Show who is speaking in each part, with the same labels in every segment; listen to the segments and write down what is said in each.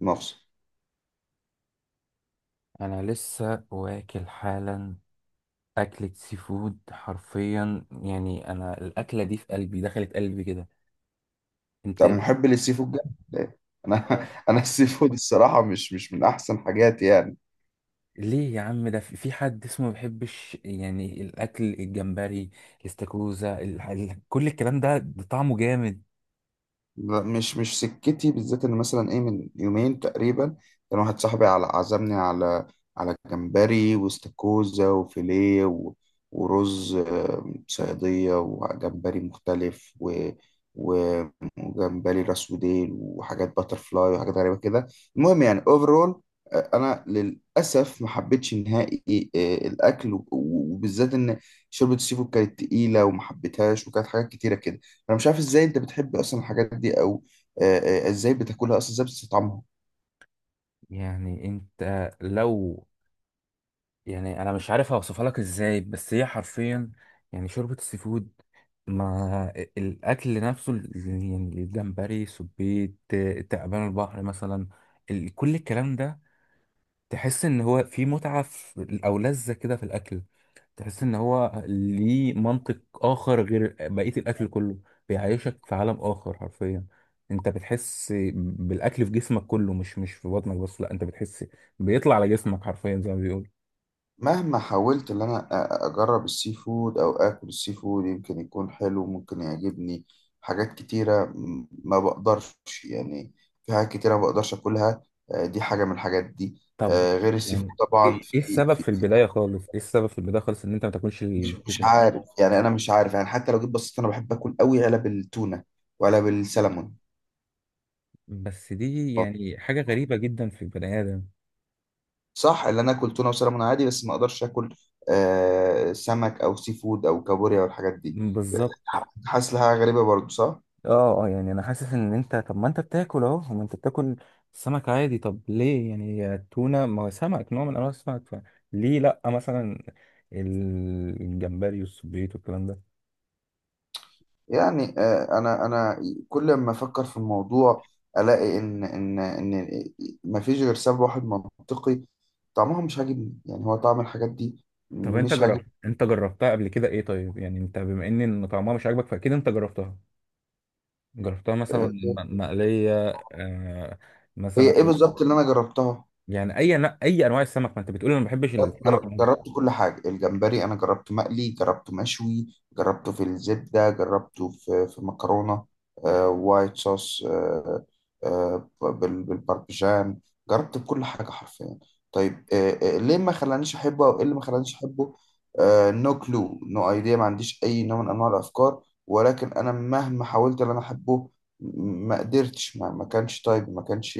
Speaker 1: مصر.
Speaker 2: انا لسه واكل حالا. اكلة سي فود حرفيا، يعني انا الاكلة دي في قلبي، دخلت قلبي كده. انت؟
Speaker 1: طب محب للسي فود جدا. انا انا السي فود الصراحه مش من احسن حاجاتي يعني.
Speaker 2: ليه يا عم، ده في حد اسمه ما بيحبش يعني الاكل؟ الجمبري، الاستاكوزا، كل الكلام ده طعمه جامد.
Speaker 1: لا مش سكتي، بالذات ان مثلا ايه، من يومين تقريبا كان واحد صاحبي على عزمني على على جمبري واستاكوزا وفيليه ورز، صياديه وجمبري مختلف و و- وجمبري راس وديل وحاجات باتر فلاي وحاجات غريبه كده. المهم يعني اوفرول انا للاسف ما حبيتش نهائي الاكل، وبالذات ان شوربه السي فود كانت تقيله وما حبيتهاش، وكانت حاجات كتيره كده. انا مش عارف ازاي انت بتحب اصلا الحاجات دي، او ازاي بتاكلها اصلا، ازاي بتستطعمها.
Speaker 2: يعني انت لو، يعني انا مش عارف اوصفها لك ازاي، بس هي حرفيا، يعني شوربة السي فود، ما الأكل نفسه يعني الجمبري، سبيت، تعبان البحر مثلا، كل الكلام ده، تحس إن هو في متعة أو لذة كده في الأكل، تحس إن هو ليه منطق آخر غير بقية الأكل كله، بيعيشك في عالم آخر حرفيا. أنت بتحس بالأكل في جسمك كله، مش في بطنك بس، لأ، أنت بتحس بيطلع على جسمك حرفيا زي ما بيقول.
Speaker 1: مهما حاولت ان انا اجرب السي فود او اكل السي فود، يمكن يكون حلو ممكن يعجبني. حاجات كتيرة، ما بقدرش يعني. في حاجات كتيرة ما بقدرش اكلها. دي حاجة من الحاجات دي،
Speaker 2: طب
Speaker 1: غير السي فود
Speaker 2: يعني
Speaker 1: طبعا
Speaker 2: إيه
Speaker 1: في
Speaker 2: السبب
Speaker 1: في
Speaker 2: في
Speaker 1: في
Speaker 2: البداية خالص؟ إيه السبب في البداية خالص إن أنت ما تاكلش
Speaker 1: مش
Speaker 2: السي
Speaker 1: مش
Speaker 2: فود؟
Speaker 1: عارف يعني. انا مش عارف يعني. حتى لو جيت بصيت انا بحب اكل قوي علب التونة وعلب السلمون.
Speaker 2: بس دي يعني حاجة غريبة جدا في البني آدم.
Speaker 1: صح، اللي انا اكل تونه وسلمون عادي، بس ما اقدرش اكل سمك او سي فود او كابوريا والحاجات دي.
Speaker 2: بالظبط.
Speaker 1: حاسس لها غريبه برضو، صح.
Speaker 2: اه اه، يعني انا حاسس ان انت، طب ما انت بتاكل، اهو ما انت بتاكل سمك عادي، طب ليه يعني التونة ما هو سمك، نوع من أنواع السمك، فليه لأ مثلا الجمبري والسبيط والكلام ده؟
Speaker 1: يعني آه، انا كل ما افكر في الموضوع، الاقي ان ان ما فيش غير سبب واحد منطقي. طعمها مش عاجبني. يعني هو طعم الحاجات دي
Speaker 2: طب أنت
Speaker 1: مش
Speaker 2: جربت،
Speaker 1: عاجبني.
Speaker 2: أنت جربتها قبل كده إيه؟ طيب يعني أنت بما إن طعمها مش عاجبك فأكيد أنت جربتها، جربتها مثلا
Speaker 1: آه.
Speaker 2: مقلية؟ آه.
Speaker 1: هي
Speaker 2: مثلا.
Speaker 1: ايه بالظبط اللي انا جربتها؟
Speaker 2: يعني أي أي أنواع السمك، ما أنت بتقول أنا ما بحبش السمك.
Speaker 1: جربت كل حاجة. الجمبري أنا جربته مقلي، جربته مشوي، جربته في الزبدة، جربته في مكرونة، وايت صوص، بالباربيجان. جربت كل حاجة حرفيا. طيب، ليه ما خلانيش أحبه، أو إيه اللي ما خلانيش أحبه؟ نو كلو نو أيديا. ما عنديش أي نوع من أنواع الأفكار، ولكن أنا مهما حاولت إن أنا أحبه ما قدرتش. ما ما كانش طيب ما كانش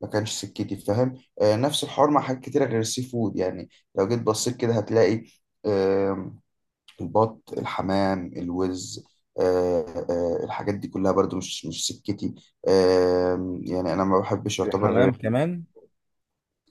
Speaker 1: ما كانش سكتي، فاهم؟ نفس الحوار مع حاجات كتيرة غير السي فود يعني. لو جيت بصيت كده هتلاقي، آم، البط، الحمام، الوز، الحاجات دي كلها برضو مش سكتي. يعني انا ما بحبش يعتبر غير
Speaker 2: الحمام كمان؟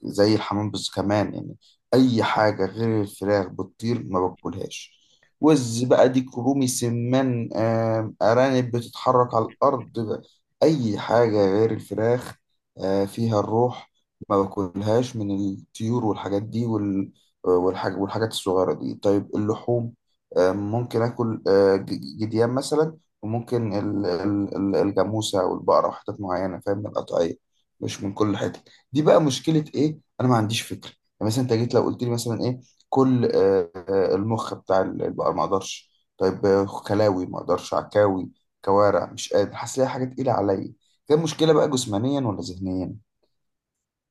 Speaker 1: زي الحمام، بس كمان يعني اي حاجه غير الفراخ بتطير ما باكلهاش. وز بقى، ديك رومي، سمان، ارانب بتتحرك على الارض بقى. اي حاجه غير الفراخ فيها الروح ما باكلهاش، من الطيور والحاجات دي، والحاجات الصغيره دي. طيب اللحوم، ممكن اكل جديان مثلا، وممكن الجاموسه والبقره، وحتت معينه، فاهم، من القطعيه، مش من كل حته. دي بقى مشكله ايه؟ انا ما عنديش فكره. يعني مثلا انت جيت لو قلت لي مثلا ايه، كل المخ بتاع البقر، ما اقدرش. طيب خلاوي ما اقدرش، عكاوي، كوارع مش قادر، حاسس ليها حاجه تقيله عليا. ده مشكله بقى جسمانيا ولا ذهنيا؟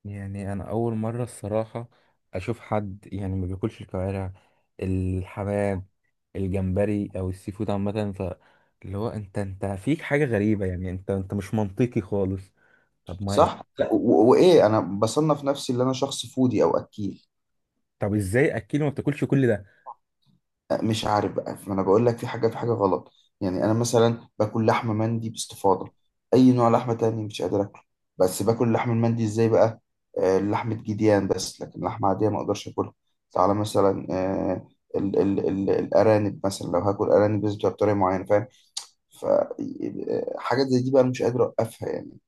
Speaker 2: يعني انا اول مره الصراحه اشوف حد يعني ما بياكلش الكوارع، الحمام، الجمبري او السي فود عامه، ف اللي هو انت، انت فيك حاجه غريبه، يعني انت مش منطقي خالص. طب ما،
Speaker 1: صح. لا، وايه، انا بصنف نفسي اللي انا شخص فودي او اكيل.
Speaker 2: طب ازاي اكيد ما بتاكلش كل ده؟
Speaker 1: مش عارف بقى، ما انا بقول لك في حاجه في حاجه غلط. يعني انا مثلا باكل لحمه مندي باستفاضه، اي نوع لحمه تاني مش قادر اكله. بس باكل لحم المندي، ازاي بقى؟ لحمه جديان بس، لكن لحمه عاديه ما اقدرش اكلها. تعالى مثلا آه، ال ال ال الارانب مثلا، لو هاكل ارانب بس بتبقى بطريقه معينه، فاهم؟ ف حاجات زي دي بقى أنا مش قادر اوقفها يعني.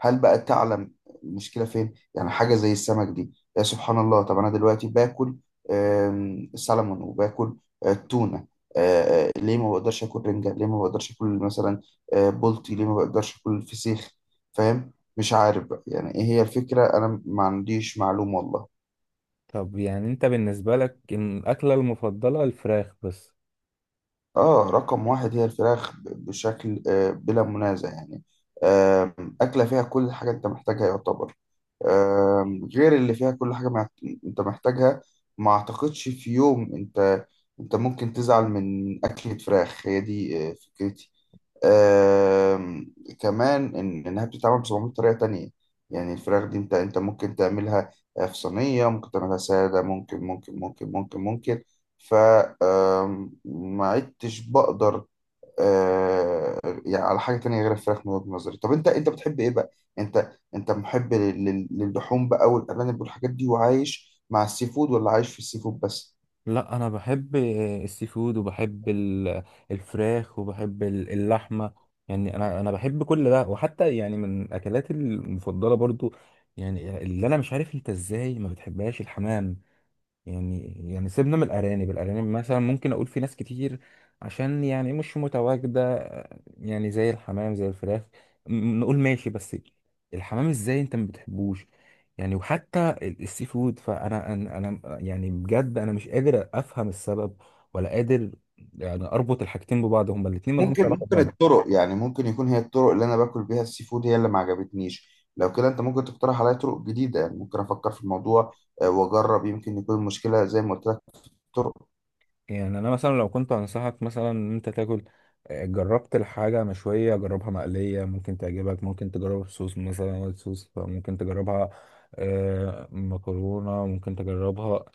Speaker 1: هل بقى تعلم المشكلة فين؟ يعني حاجة زي السمك دي، يا سبحان الله. طب أنا دلوقتي باكل سلمون، وباكل تونة. ليه ما بقدرش آكل رنجة؟ ليه ما بقدرش آكل مثلا بولتي؟ ليه ما بقدرش آكل فسيخ؟ فاهم؟ مش عارف بقى يعني إيه هي الفكرة. أنا ما عنديش معلومة والله.
Speaker 2: طب يعني انت بالنسبه لك إن الاكله المفضله الفراخ بس؟
Speaker 1: اه، رقم واحد هي الفراخ، بشكل بلا منازع يعني. أكلة فيها كل حاجة أنت محتاجها يعتبر. آم، غير اللي فيها كل حاجة مع- أنت محتاجها. ما أعتقدش في يوم أنت، أنت ممكن تزعل من أكلة فراخ. هي دي فكرتي. آم، كمان إنها بتتعمل ب 700 طريقة تانية. يعني الفراخ دي أنت، أنت ممكن تعملها في صينية، ممكن تعملها سادة، ممكن. ف ما عدتش بقدر آه، يعني على حاجة تانية غير الفراخ، من وجهة نظري. طب أنت، أنت بتحب إيه بقى؟ أنت أنت محب للحوم بقى، والأرانب والحاجات دي، وعايش مع السي فود، ولا عايش في السي فود بس؟
Speaker 2: لا انا بحب السي فود وبحب الفراخ وبحب اللحمه، يعني انا بحب كل ده، وحتى يعني من اكلاتي المفضله برضو. يعني اللي انا مش عارف انت ازاي ما بتحبهاش الحمام، يعني، يعني سيبنا من الأرانب، الأرانب مثلا ممكن أقول في ناس كتير عشان يعني مش متواجدة، يعني زي الحمام، زي الفراخ، نقول ماشي، بس الحمام إزاي أنت ما بتحبوش؟ يعني وحتى السي فود، فأنا أنا يعني بجد أنا مش قادر أفهم السبب، ولا قادر يعني أربط الحاجتين ببعض، هما الاتنين مالهمش
Speaker 1: ممكن
Speaker 2: علاقة
Speaker 1: ممكن
Speaker 2: ببعض.
Speaker 1: الطرق، يعني ممكن يكون هي الطرق اللي انا باكل بيها السي فود هي اللي ما عجبتنيش. لو كده انت ممكن تقترح عليا طرق جديده، يعني ممكن افكر في الموضوع واجرب. يمكن يكون المشكله زي ما قلت لك، الطرق.
Speaker 2: يعني انا مثلا لو كنت انصحك مثلا ان انت تاكل، جربت الحاجه مشويه، جربها مقليه ممكن تعجبك، ممكن تجربها بصوص مثلا وايت صوص ممكن تجربها، مكرونه ممكن تجربها،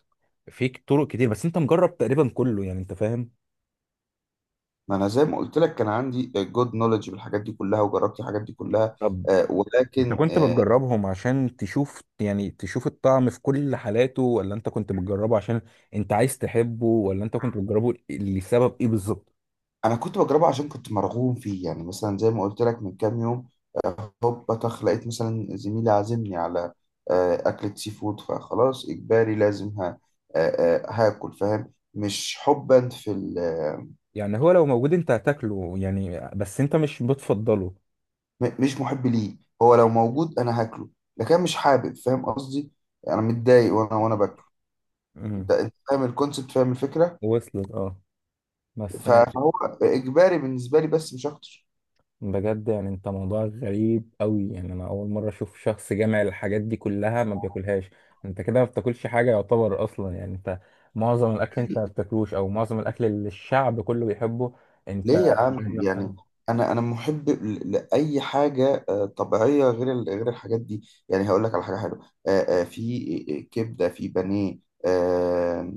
Speaker 2: في طرق كتير، بس انت مجرب تقريبا كله، يعني انت فاهم.
Speaker 1: ما انا زي ما قلت لك، كان عندي جود نولج بالحاجات دي كلها، وجربت الحاجات دي كلها
Speaker 2: طب
Speaker 1: آه،
Speaker 2: انت
Speaker 1: ولكن
Speaker 2: كنت
Speaker 1: آه،
Speaker 2: بتجربهم عشان تشوف، يعني تشوف الطعم في كل حالاته، ولا انت كنت بتجربه عشان انت عايز تحبه، ولا انت كنت بتجربه لسبب ايه بالظبط؟
Speaker 1: انا كنت بجربها عشان كنت مرغوم فيه. يعني مثلا زي ما قلت لك من كام يوم، هوب بطخ لقيت مثلا زميلي عازمني على أكلة سي فود، فخلاص إجباري لازم ها هاكل، فاهم؟ مش حبا في ال
Speaker 2: يعني هو لو موجود انت هتاكله يعني، بس انت مش بتفضله؟
Speaker 1: مش محب ليه. هو لو موجود أنا هاكله، لكن مش حابب، فاهم قصدي؟ أنا متضايق وأنا باكل. أنت،
Speaker 2: مم.
Speaker 1: أنت فاهم الكونسيبت، فاهم الفكرة.
Speaker 2: وصلت، اه، بس أنا،
Speaker 1: فهو إجباري بالنسبة لي، بس مش أكتر.
Speaker 2: بجد يعني انت موضوع غريب قوي، يعني انا اول مره اشوف شخص جامع الحاجات دي كلها ما بياكلهاش، انت كده ما بتاكلش حاجه يعتبر اصلا، يعني انت معظم الاكل انت ما بتاكلوش، او معظم الاكل اللي الشعب كله بيحبه
Speaker 1: ليه
Speaker 2: انت
Speaker 1: يا عم
Speaker 2: بتجيب نفسك.
Speaker 1: يعني، انا محب لاي حاجه طبيعيه غير غير الحاجات دي. يعني هقول لك على حاجه حلوه، في كبده، في بانيه، آه،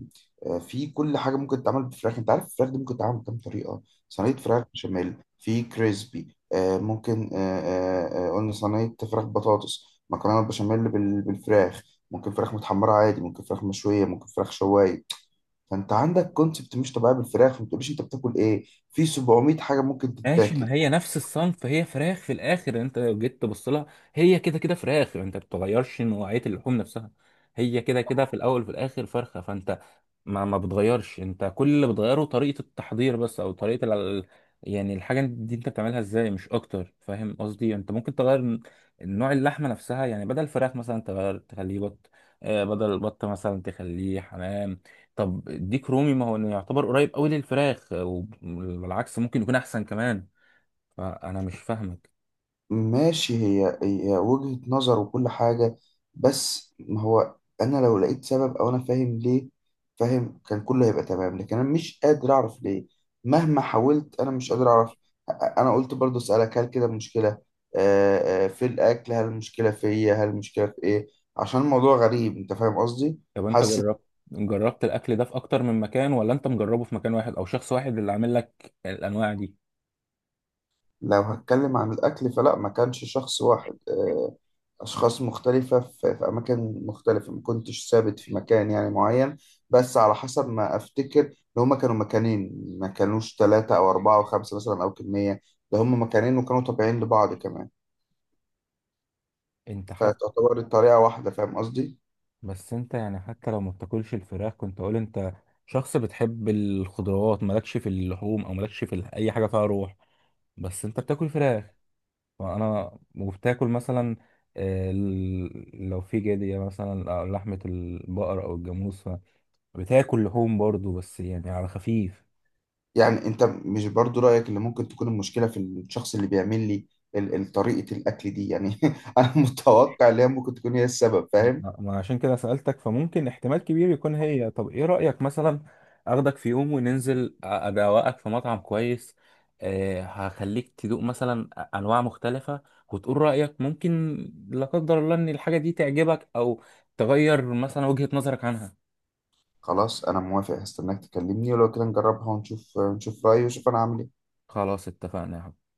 Speaker 1: في كل حاجه ممكن تتعمل بفراخ. انت عارف الفراخ دي ممكن تتعمل بكام طريقه؟ صينيه فراخ بشاميل، في كريسبي، آه، ممكن آه، آه، آه، قلنا صينيه فراخ بطاطس، مكرونه بشاميل بالفراخ، ممكن فراخ متحمره عادي، ممكن فراخ مشويه، ممكن فراخ شوايه. فانت عندك كونسبت مش طبيعي بالفراخ، ما تقوليش انت بتاكل ايه، في 700 حاجه ممكن
Speaker 2: ماشي،
Speaker 1: تتاكل.
Speaker 2: ما هي نفس الصنف، فهي فراخ في الاخر، انت لو جيت تبص لها هي كده كده فراخ، انت ما بتغيرش نوعيه اللحوم نفسها، هي كده كده في الاول وفي الاخر فرخه، فانت ما بتغيرش، انت كل اللي بتغيره طريقه التحضير بس، او طريقه ال... يعني الحاجه دي انت بتعملها ازاي، مش اكتر، فاهم قصدي؟ انت ممكن تغير نوع اللحمه نفسها، يعني بدل الفراخ مثلا تغير تخليه بط، بدل البط مثلا تخليه حمام، طب ديك رومي ما هو يعتبر قريب قوي للفراخ، وبالعكس ممكن يكون احسن كمان، فانا مش فاهمك.
Speaker 1: ماشي، هي وجهه نظر وكل حاجه، بس ما هو انا لو لقيت سبب او انا فاهم ليه، فاهم، كان كله هيبقى تمام، لكن انا مش قادر اعرف ليه. مهما حاولت انا مش قادر اعرف. انا قلت برضو اسالك، هل كده المشكله في الاكل، هل المشكله فيا، هل المشكله في ايه، عشان الموضوع غريب، انت فاهم قصدي؟
Speaker 2: طب انت
Speaker 1: حاسس.
Speaker 2: جربت، جربت الاكل ده في اكتر من مكان، ولا انت مجربه في مكان واحد او شخص واحد اللي عامل لك الانواع دي؟
Speaker 1: لو هتكلم عن الاكل فلا، ما كانش شخص واحد. أشخاص مختلفة في، في أماكن مختلفة، ما كنتش ثابت في مكان يعني معين، بس على حسب ما أفتكر إن هما كانوا مكانين، ما كانوش 3 أو 4 أو 5 مثلا أو كمية. ده هما مكانين وكانوا طبيعيين لبعض كمان،
Speaker 2: انت حتى،
Speaker 1: فتعتبر الطريقة واحدة، فاهم قصدي؟
Speaker 2: بس انت يعني حتى لو ما بتاكلش الفراخ كنت اقول انت شخص بتحب الخضروات، مالكش في اللحوم، او مالكش في اي حاجه فيها روح، بس انت بتاكل فراخ، وانا وبتاكل مثلا، لو في جديه مثلا أو لحمه البقر او الجاموس، فبتاكل لحوم برضو بس يعني على خفيف.
Speaker 1: يعني أنت مش برضو رأيك إن ممكن تكون المشكلة في الشخص اللي بيعمل لي طريقة الأكل دي يعني أنا متوقع إن هي ممكن تكون هي السبب، فاهم؟
Speaker 2: ما ما عشان كده سألتك، فممكن احتمال كبير يكون هي. طب ايه رأيك مثلا اخدك في يوم وننزل، ادوقك في مطعم كويس؟ أه هخليك تدوق مثلا انواع مختلفة، وتقول رأيك، ممكن لا قدر الله ان الحاجة دي تعجبك، او تغير مثلا وجهة نظرك عنها.
Speaker 1: خلاص أنا موافق، هستناك تكلمني، ولو كده نجربها ونشوف، نشوف رأيي ونشوف أنا هعمل إيه.
Speaker 2: خلاص اتفقنا يا حبيبي.